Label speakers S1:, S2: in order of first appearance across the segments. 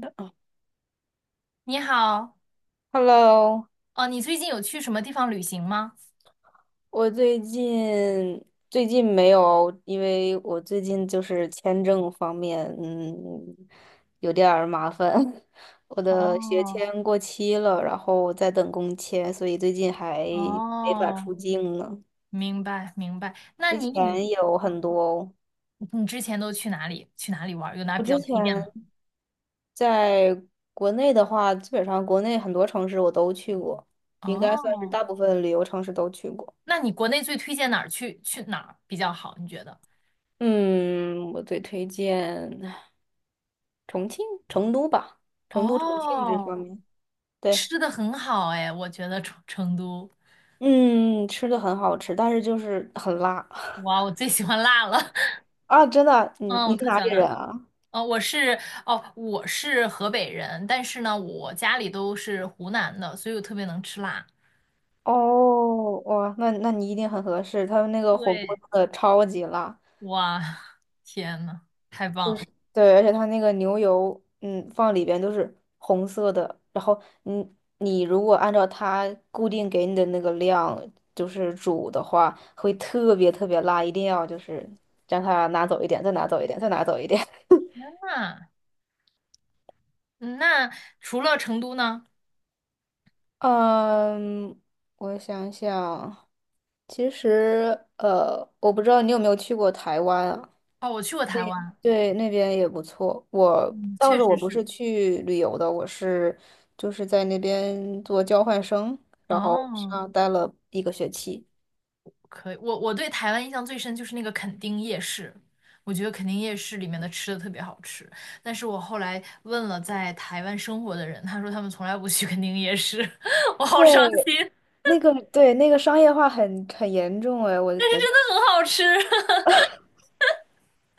S1: 的哦
S2: 你好，
S1: ，Hello，
S2: 哦，你最近有去什么地方旅行吗？
S1: 我最近没有，因为我最近就是签证方面，有点儿麻烦。我的学
S2: 哦
S1: 签过期了，然后在等工签，所以最近还没法
S2: 哦，
S1: 出境呢。
S2: 明白明白。那
S1: 之
S2: 你你
S1: 前有
S2: 嗯，
S1: 很多，
S2: 你之前都去哪里玩儿有哪
S1: 我
S2: 比较
S1: 之前
S2: 推荐吗？
S1: 在国内的话，基本上国内很多城市我都去过，应该算是
S2: 哦，
S1: 大部分旅游城市都去过。
S2: 那你国内最推荐哪儿去去哪儿比较好？你觉得？
S1: 嗯，我最推荐。重庆、成都吧，成都、重庆这方
S2: 哦，
S1: 面，对，
S2: 吃的很好哎，我觉得成都，
S1: 嗯，吃的很好吃，但是就是很辣
S2: 哇，我最喜欢辣了。
S1: 啊！真的，你
S2: 嗯，我
S1: 你是
S2: 特
S1: 哪
S2: 喜欢
S1: 里
S2: 辣。
S1: 人啊？
S2: 哦，我是哦，我是河北人，但是呢，我家里都是湖南的，所以我特别能吃辣。
S1: 哦，哇，那你一定很合适，他们那个火锅
S2: 对，
S1: 真的超级辣，
S2: 哇，天呐，太
S1: 就
S2: 棒
S1: 是
S2: 了！
S1: 对，而且他那个牛油，放里边都是红色的，然后你如果按照它固定给你的那个量，就是煮的话，会特别特别辣，一定要就是将它拿走一点，再拿走一点，再拿走一点。
S2: 那那除了成都呢？
S1: 嗯，我想想，其实我不知道你有没有去过台湾啊？
S2: 哦，我去过
S1: 那
S2: 台湾。
S1: 对，那边也不错。我
S2: 嗯，
S1: 当
S2: 确
S1: 时我
S2: 实
S1: 不
S2: 是。
S1: 是去旅游的，我是就是在那边做交换生，
S2: 哦，
S1: 上待了一个学期。
S2: 可以。我对台湾印象最深就是那个垦丁夜市，我觉得垦丁夜市里面的吃的特别好吃。但是我后来问了在台湾生活的人，他说他们从来不去垦丁夜市，我好伤
S1: 对，
S2: 心。
S1: 那个对那个商业化很严重哎，
S2: 那很好吃。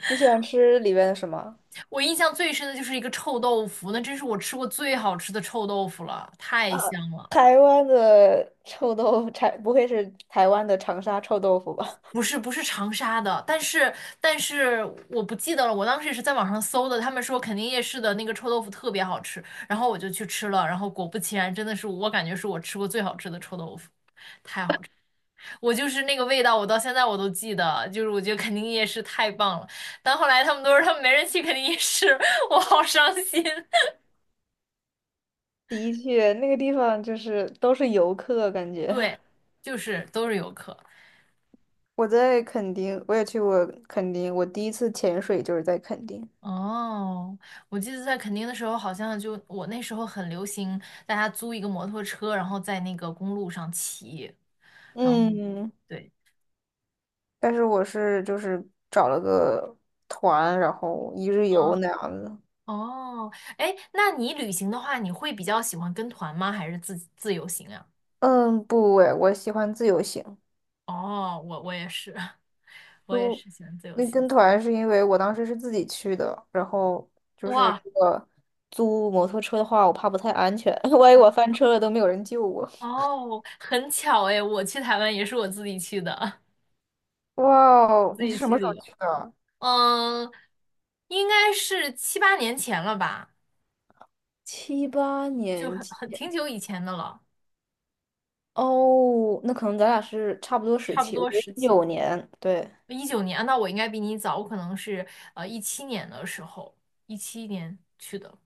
S1: 你喜欢吃里边的什么？
S2: 我印象最深的就是一个臭豆腐，那真是我吃过最好吃的臭豆腐了，太
S1: 啊，
S2: 香了。
S1: 台湾的臭豆腐，不会是台湾的长沙臭豆腐吧？
S2: 不是不是长沙的，但是但是我不记得了，我当时也是在网上搜的，他们说肯定夜市的那个臭豆腐特别好吃，然后我就去吃了，然后果不其然，真的是我感觉是我吃过最好吃的臭豆腐，我就是那个味道，我到现在我都记得，就是我觉得肯定夜市太棒了。但后来他们都说他们没人去肯定夜市，我好伤心。
S1: 的确，那个地方就是都是游客，感 觉。
S2: 对，就是都是游客。
S1: 我在垦丁，我也去过垦丁，我第一次潜水就是在垦丁。
S2: 哦，我记得在垦丁的时候，好像就我那时候很流行，大家租一个摩托车，然后在那个公路上骑。然后
S1: 嗯，
S2: 对，
S1: 但是我是就是找了个团，然后一日游
S2: 嗯，
S1: 那样子。
S2: 哦，哎，那你旅行的话，你会比较喜欢跟团吗？还是自由行啊？
S1: 嗯，不诶，我喜欢自由行。
S2: 哦，我也是。我也
S1: 就
S2: 是喜欢自由
S1: 那
S2: 行。
S1: 跟团是因为我当时是自己去的，然后就是
S2: 哇，
S1: 如果租摩托车的话，我怕不太安全，万一我翻车了都没有人救我。
S2: 哦，很巧哎，我去台湾也是我自己去的。
S1: 哇
S2: 我
S1: 哦，
S2: 自
S1: 你
S2: 己
S1: 是什
S2: 去
S1: 么时
S2: 旅
S1: 候
S2: 游。
S1: 去的？
S2: 嗯，应该是7、8年前了吧，
S1: 七八
S2: 就
S1: 年
S2: 很
S1: 前
S2: 很挺久以前的了。
S1: 哦，那可能咱俩是差不多时
S2: 差不
S1: 期，我
S2: 多
S1: 是
S2: 时
S1: 一
S2: 期，
S1: 九年，对
S2: 19年。啊，那我应该比你早，我可能是一七年的时候，一七年去的，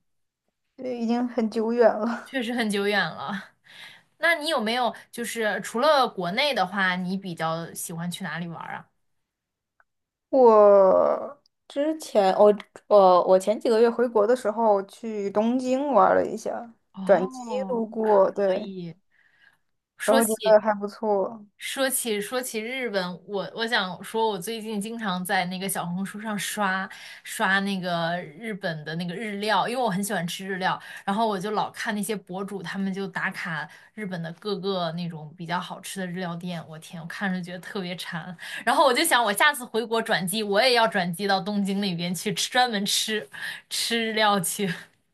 S1: 对，已经很久远了。
S2: 确实很久远了。那你有没有就是除了国内的话，你比较喜欢去哪里玩儿啊？
S1: 我之前我我我前几个月回国的时候去东京玩了一下，转机
S2: 哦，
S1: 路过，
S2: 可
S1: 对，
S2: 以。
S1: 然
S2: 说
S1: 后觉
S2: 起
S1: 得还不错。
S2: 说起日本，我想说，我最近经常在那个小红书上刷那个日本的那个日料。因为我很喜欢吃日料，然后我就老看那些博主，他们就打卡日本的各个那种比较好吃的日料店，我天，我看着觉得特别馋，然后我就想，我下次回国转机，我也要转机到东京那边去吃，专门吃日料去。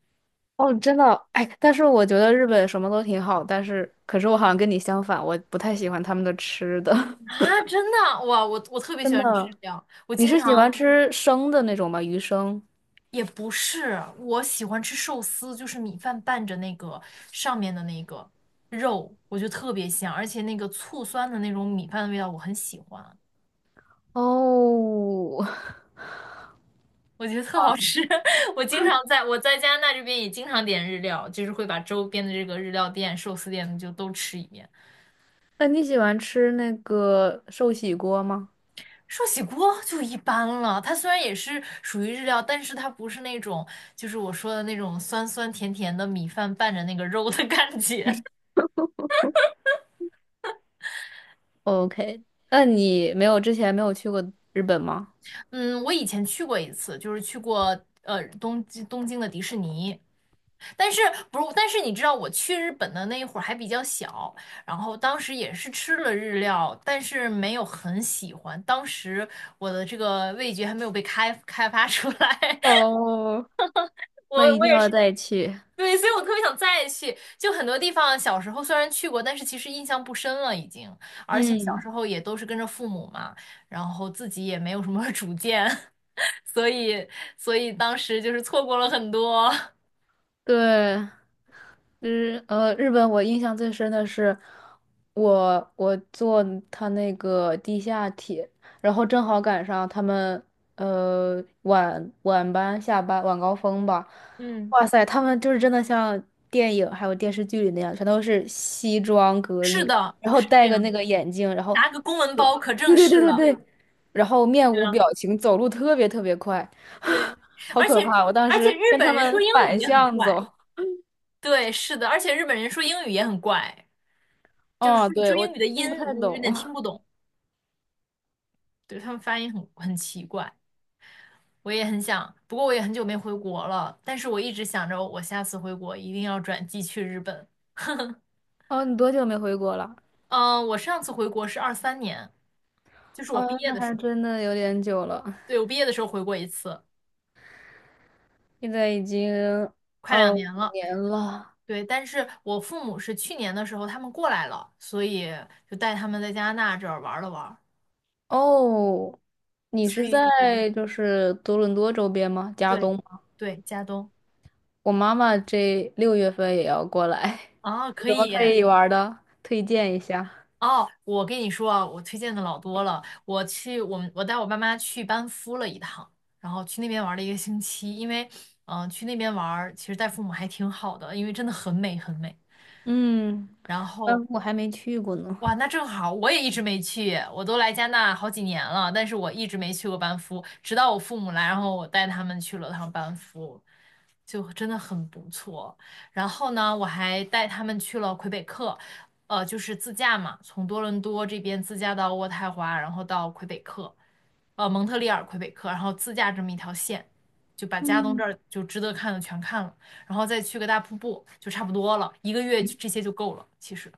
S1: 哦，真的，哎，但是我觉得日本什么都挺好，但是可是我好像跟你相反，我不太喜欢他们的吃的，
S2: 啊！真的，哇，我特 别喜
S1: 真
S2: 欢吃
S1: 的。
S2: 日料，我
S1: 你
S2: 经
S1: 是喜欢
S2: 常。
S1: 吃生的那种吗？鱼生？
S2: 也不是，我喜欢吃寿司，就是米饭拌着那个上面的那个肉，我觉得特别香，而且那个醋酸的那种米饭的味道我很喜欢，
S1: 哦，
S2: 我觉得特好吃。我在加拿大这边也经常点日料，就是会把周边的这个日料店、寿司店就都吃一遍。
S1: 那你喜欢吃那个寿喜锅吗
S2: 寿喜锅就一般了，它虽然也是属于日料，但是它不是那种，就是我说的那种酸酸甜甜的米饭拌着那个肉的感觉。
S1: ？OK，那你没有之前没有去过日本吗？
S2: 嗯，我以前去过一次，就是去过东京的迪士尼。但是不是？但是你知道我去日本的那一会儿还比较小，然后当时也是吃了日料，但是没有很喜欢。当时我的这个味觉还没有被开发出来。
S1: 哦，那
S2: 我
S1: 一
S2: 我
S1: 定
S2: 也是。
S1: 要再去。
S2: 对，所以我特别想再去。就很多地方小时候虽然去过，但是其实印象不深了已经，而且小
S1: 嗯。
S2: 时候也都是跟着父母嘛，然后自己也没有什么 主见。所以所以当时就是错过了很多。
S1: 对，日本我印象最深的是我坐他那个地下铁，然后正好赶上他们晚班下班晚高峰吧，
S2: 嗯，
S1: 哇塞，他们就是真的像电影还有电视剧里那样，全都是西装 革
S2: 是
S1: 履，
S2: 的，
S1: 然后
S2: 是这
S1: 戴个那
S2: 样，
S1: 个眼镜，然后
S2: 拿个公文包可正
S1: 对对
S2: 式
S1: 对
S2: 了，
S1: 对对，然后面
S2: 这
S1: 无
S2: 样
S1: 表情，走路特别特别快，
S2: 对。
S1: 好
S2: 而
S1: 可
S2: 且
S1: 怕！我当
S2: 而且
S1: 时
S2: 日
S1: 跟他
S2: 本人说
S1: 们
S2: 英语
S1: 反
S2: 也很
S1: 向
S2: 怪。
S1: 走。
S2: 对，是的，而且日本人说英语也很怪，就是说
S1: 哦，对，
S2: 说
S1: 我
S2: 英语的音
S1: 听不太
S2: 我有
S1: 懂。
S2: 点听 不懂，对他们发音很奇怪。我也很想，不过我也很久没回国了，但是我一直想着我下次回国一定要转机去日本。
S1: 哦，你多久没回国了？
S2: 嗯，我上次回国是23年，就是我
S1: 哦，
S2: 毕业
S1: 那
S2: 的时
S1: 还
S2: 候。
S1: 真的有点久了，
S2: 对，我毕业的时候回过一次，
S1: 现在已经
S2: 快
S1: 二
S2: 2年
S1: 五
S2: 了。
S1: 年了。
S2: 对，但是我父母是去年的时候他们过来了，所以就带他们在加拿大这儿玩了玩。
S1: 哦，你
S2: 所
S1: 是
S2: 以
S1: 在就是多伦多周边吗？加
S2: 对
S1: 东吗？
S2: 对，加东
S1: 我妈妈这六月份也要过来，
S2: 啊，
S1: 有
S2: 可
S1: 什么
S2: 以
S1: 可以玩儿的？推荐一下。
S2: 哦。我跟你说啊，我推荐的老多了。我去，我带我爸妈去班夫了一趟，然后去那边玩了1个星期。因为去那边玩儿其实带父母还挺好的，因为真的很美很美。
S1: 嗯，
S2: 然后
S1: 我还没去过呢。
S2: 哇，那正好，我也一直没去，我都来加拿大好几年了，但是我一直没去过班夫，直到我父母来，然后我带他们去了趟班夫，就真的很不错。然后呢，我还带他们去了魁北克。就是自驾嘛，从多伦多这边自驾到渥太华，然后到魁北克。蒙特利尔、魁北克，然后自驾这么一条线，就把加东这
S1: 嗯，
S2: 儿就值得看的全看了，然后再去个大瀑布，就差不多了，一个月这些就够了，其实。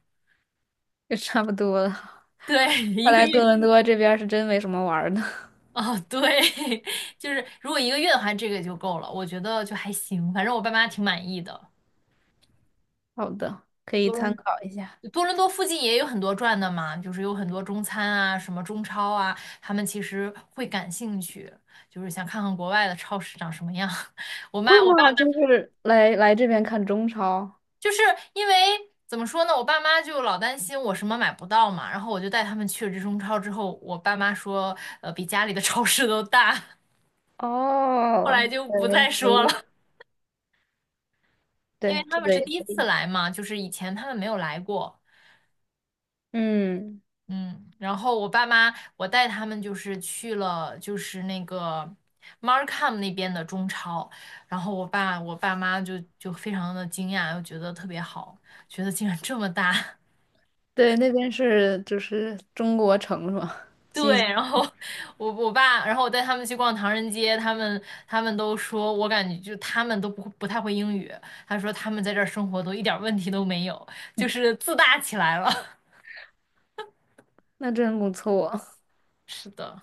S1: 也差不多了。
S2: 对，一
S1: 看
S2: 个
S1: 来多
S2: 月。
S1: 伦多这边儿是真没什么玩儿的。
S2: 哦，对，就是如果1个月的话，这个就够了，我觉得就还行，反正我爸妈挺满意的。
S1: 好的，可以
S2: 多
S1: 参
S2: 伦
S1: 考一下。
S2: 多伦多附近也有很多转的嘛，就是有很多中餐啊，什么中超啊，他们其实会感兴趣，就是想看看国外的超市长什么样。
S1: 会
S2: 我爸妈
S1: 吗？就是来这边看中超。
S2: 就是，因为怎么说呢，我爸妈就老担心我什么买不到嘛，然后我就带他们去了这中超之后，我爸妈说，比家里的超市都大。后
S1: 哦，
S2: 来就不
S1: 对，
S2: 再
S1: 可
S2: 说
S1: 以，
S2: 了。因为
S1: 对，
S2: 他
S1: 这
S2: 们
S1: 个
S2: 是
S1: 也
S2: 第一
S1: 可
S2: 次
S1: 以。
S2: 来嘛，就是以前他们没有来过。
S1: 嗯，
S2: 嗯，然后我爸妈，我带他们就是去了，就是那个 Markham 那边的中超，然后我爸妈就非常的惊讶，又觉得特别好，觉得竟然这么大。
S1: 对，那边是就是中国城是吧？几，
S2: 对，然后我我爸，然后我带他们去逛唐人街。他们都说，我感觉就他们都不太会英语，他说他们在这儿生活都一点儿问题都没有，就是自大起来了。
S1: 那真不错，
S2: 是的。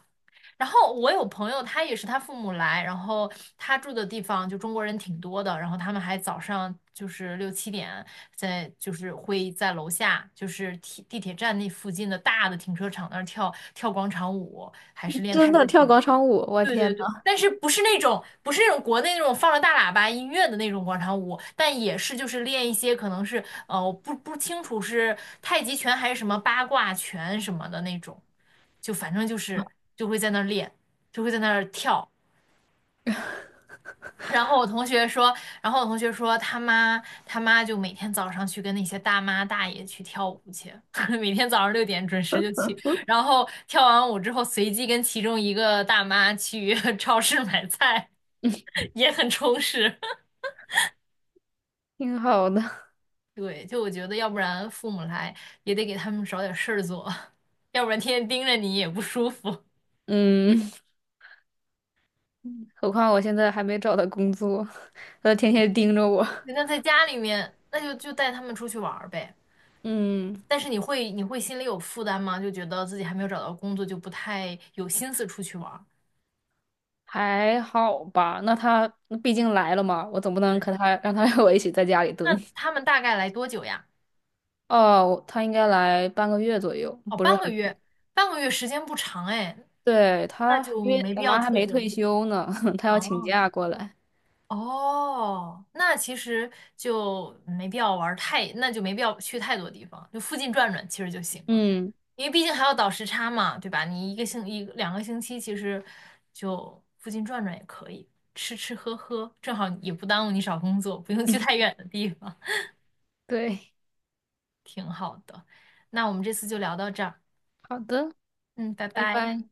S2: 然后我有朋友，他也是他父母来，然后他住的地方就中国人挺多的，然后他们还早上就是6、7点就是会在楼下，就是地铁站那附近的大的停车场那儿跳跳广场舞，还是 练
S1: 真
S2: 太
S1: 的
S2: 极
S1: 跳
S2: 拳。
S1: 广场舞，我
S2: 对
S1: 天
S2: 对
S1: 呐，
S2: 对，但是不是那种国内那种放着大喇叭音乐的那种广场舞，但也是就是练一些，可能是我不清楚是太极拳还是什么八卦拳什么的那种。就反正就是，就会在那儿练，就会在那儿跳。然后我同学说，然后我同学说他妈就每天早上去跟那些大妈大爷去跳舞去，每天早上6点准时就去，然后跳完舞之后随机跟其中一个大妈去 超市买菜，也很充实。
S1: 挺好的。
S2: 对，就我觉得要不然父母来也得给他们找点事儿做，要不然天天盯着你也不舒服。
S1: 嗯，何况我现在还没找到工作，他天天盯着我。
S2: 那在家里面，那就带他们出去玩儿呗。
S1: 嗯，
S2: 但是你会心里有负担吗？就觉得自己还没有找到工作，就不太有心思出去玩儿。
S1: 还好吧。那他毕竟来了嘛，我总不能
S2: 对，
S1: 和他让他 和我一起在家里蹲。
S2: 那他们大概来多久呀？
S1: 哦，他应该来半个月左右，
S2: 哦，
S1: 不是
S2: 半个
S1: 很久。
S2: 月。半个月时间不长哎，
S1: 对，
S2: 那
S1: 他，因
S2: 就
S1: 为
S2: 没
S1: 我
S2: 必要
S1: 妈还
S2: 特
S1: 没
S2: 征
S1: 退
S2: 了。
S1: 休呢，她要请
S2: 哦，
S1: 假过来。
S2: 哦，那其实就没必要玩儿太，那就没必要去太多地方，就附近转转其实就行了，
S1: 嗯，
S2: 因为毕竟还要倒时差嘛，对吧？你1、2个星期，其实就附近转转也可以，吃吃喝喝，正好也不耽误你找工作，不用去太 远的地方，
S1: 对，
S2: 挺好的。那我们这次就聊到这儿。
S1: 好的，
S2: 嗯，拜
S1: 拜
S2: 拜。
S1: 拜。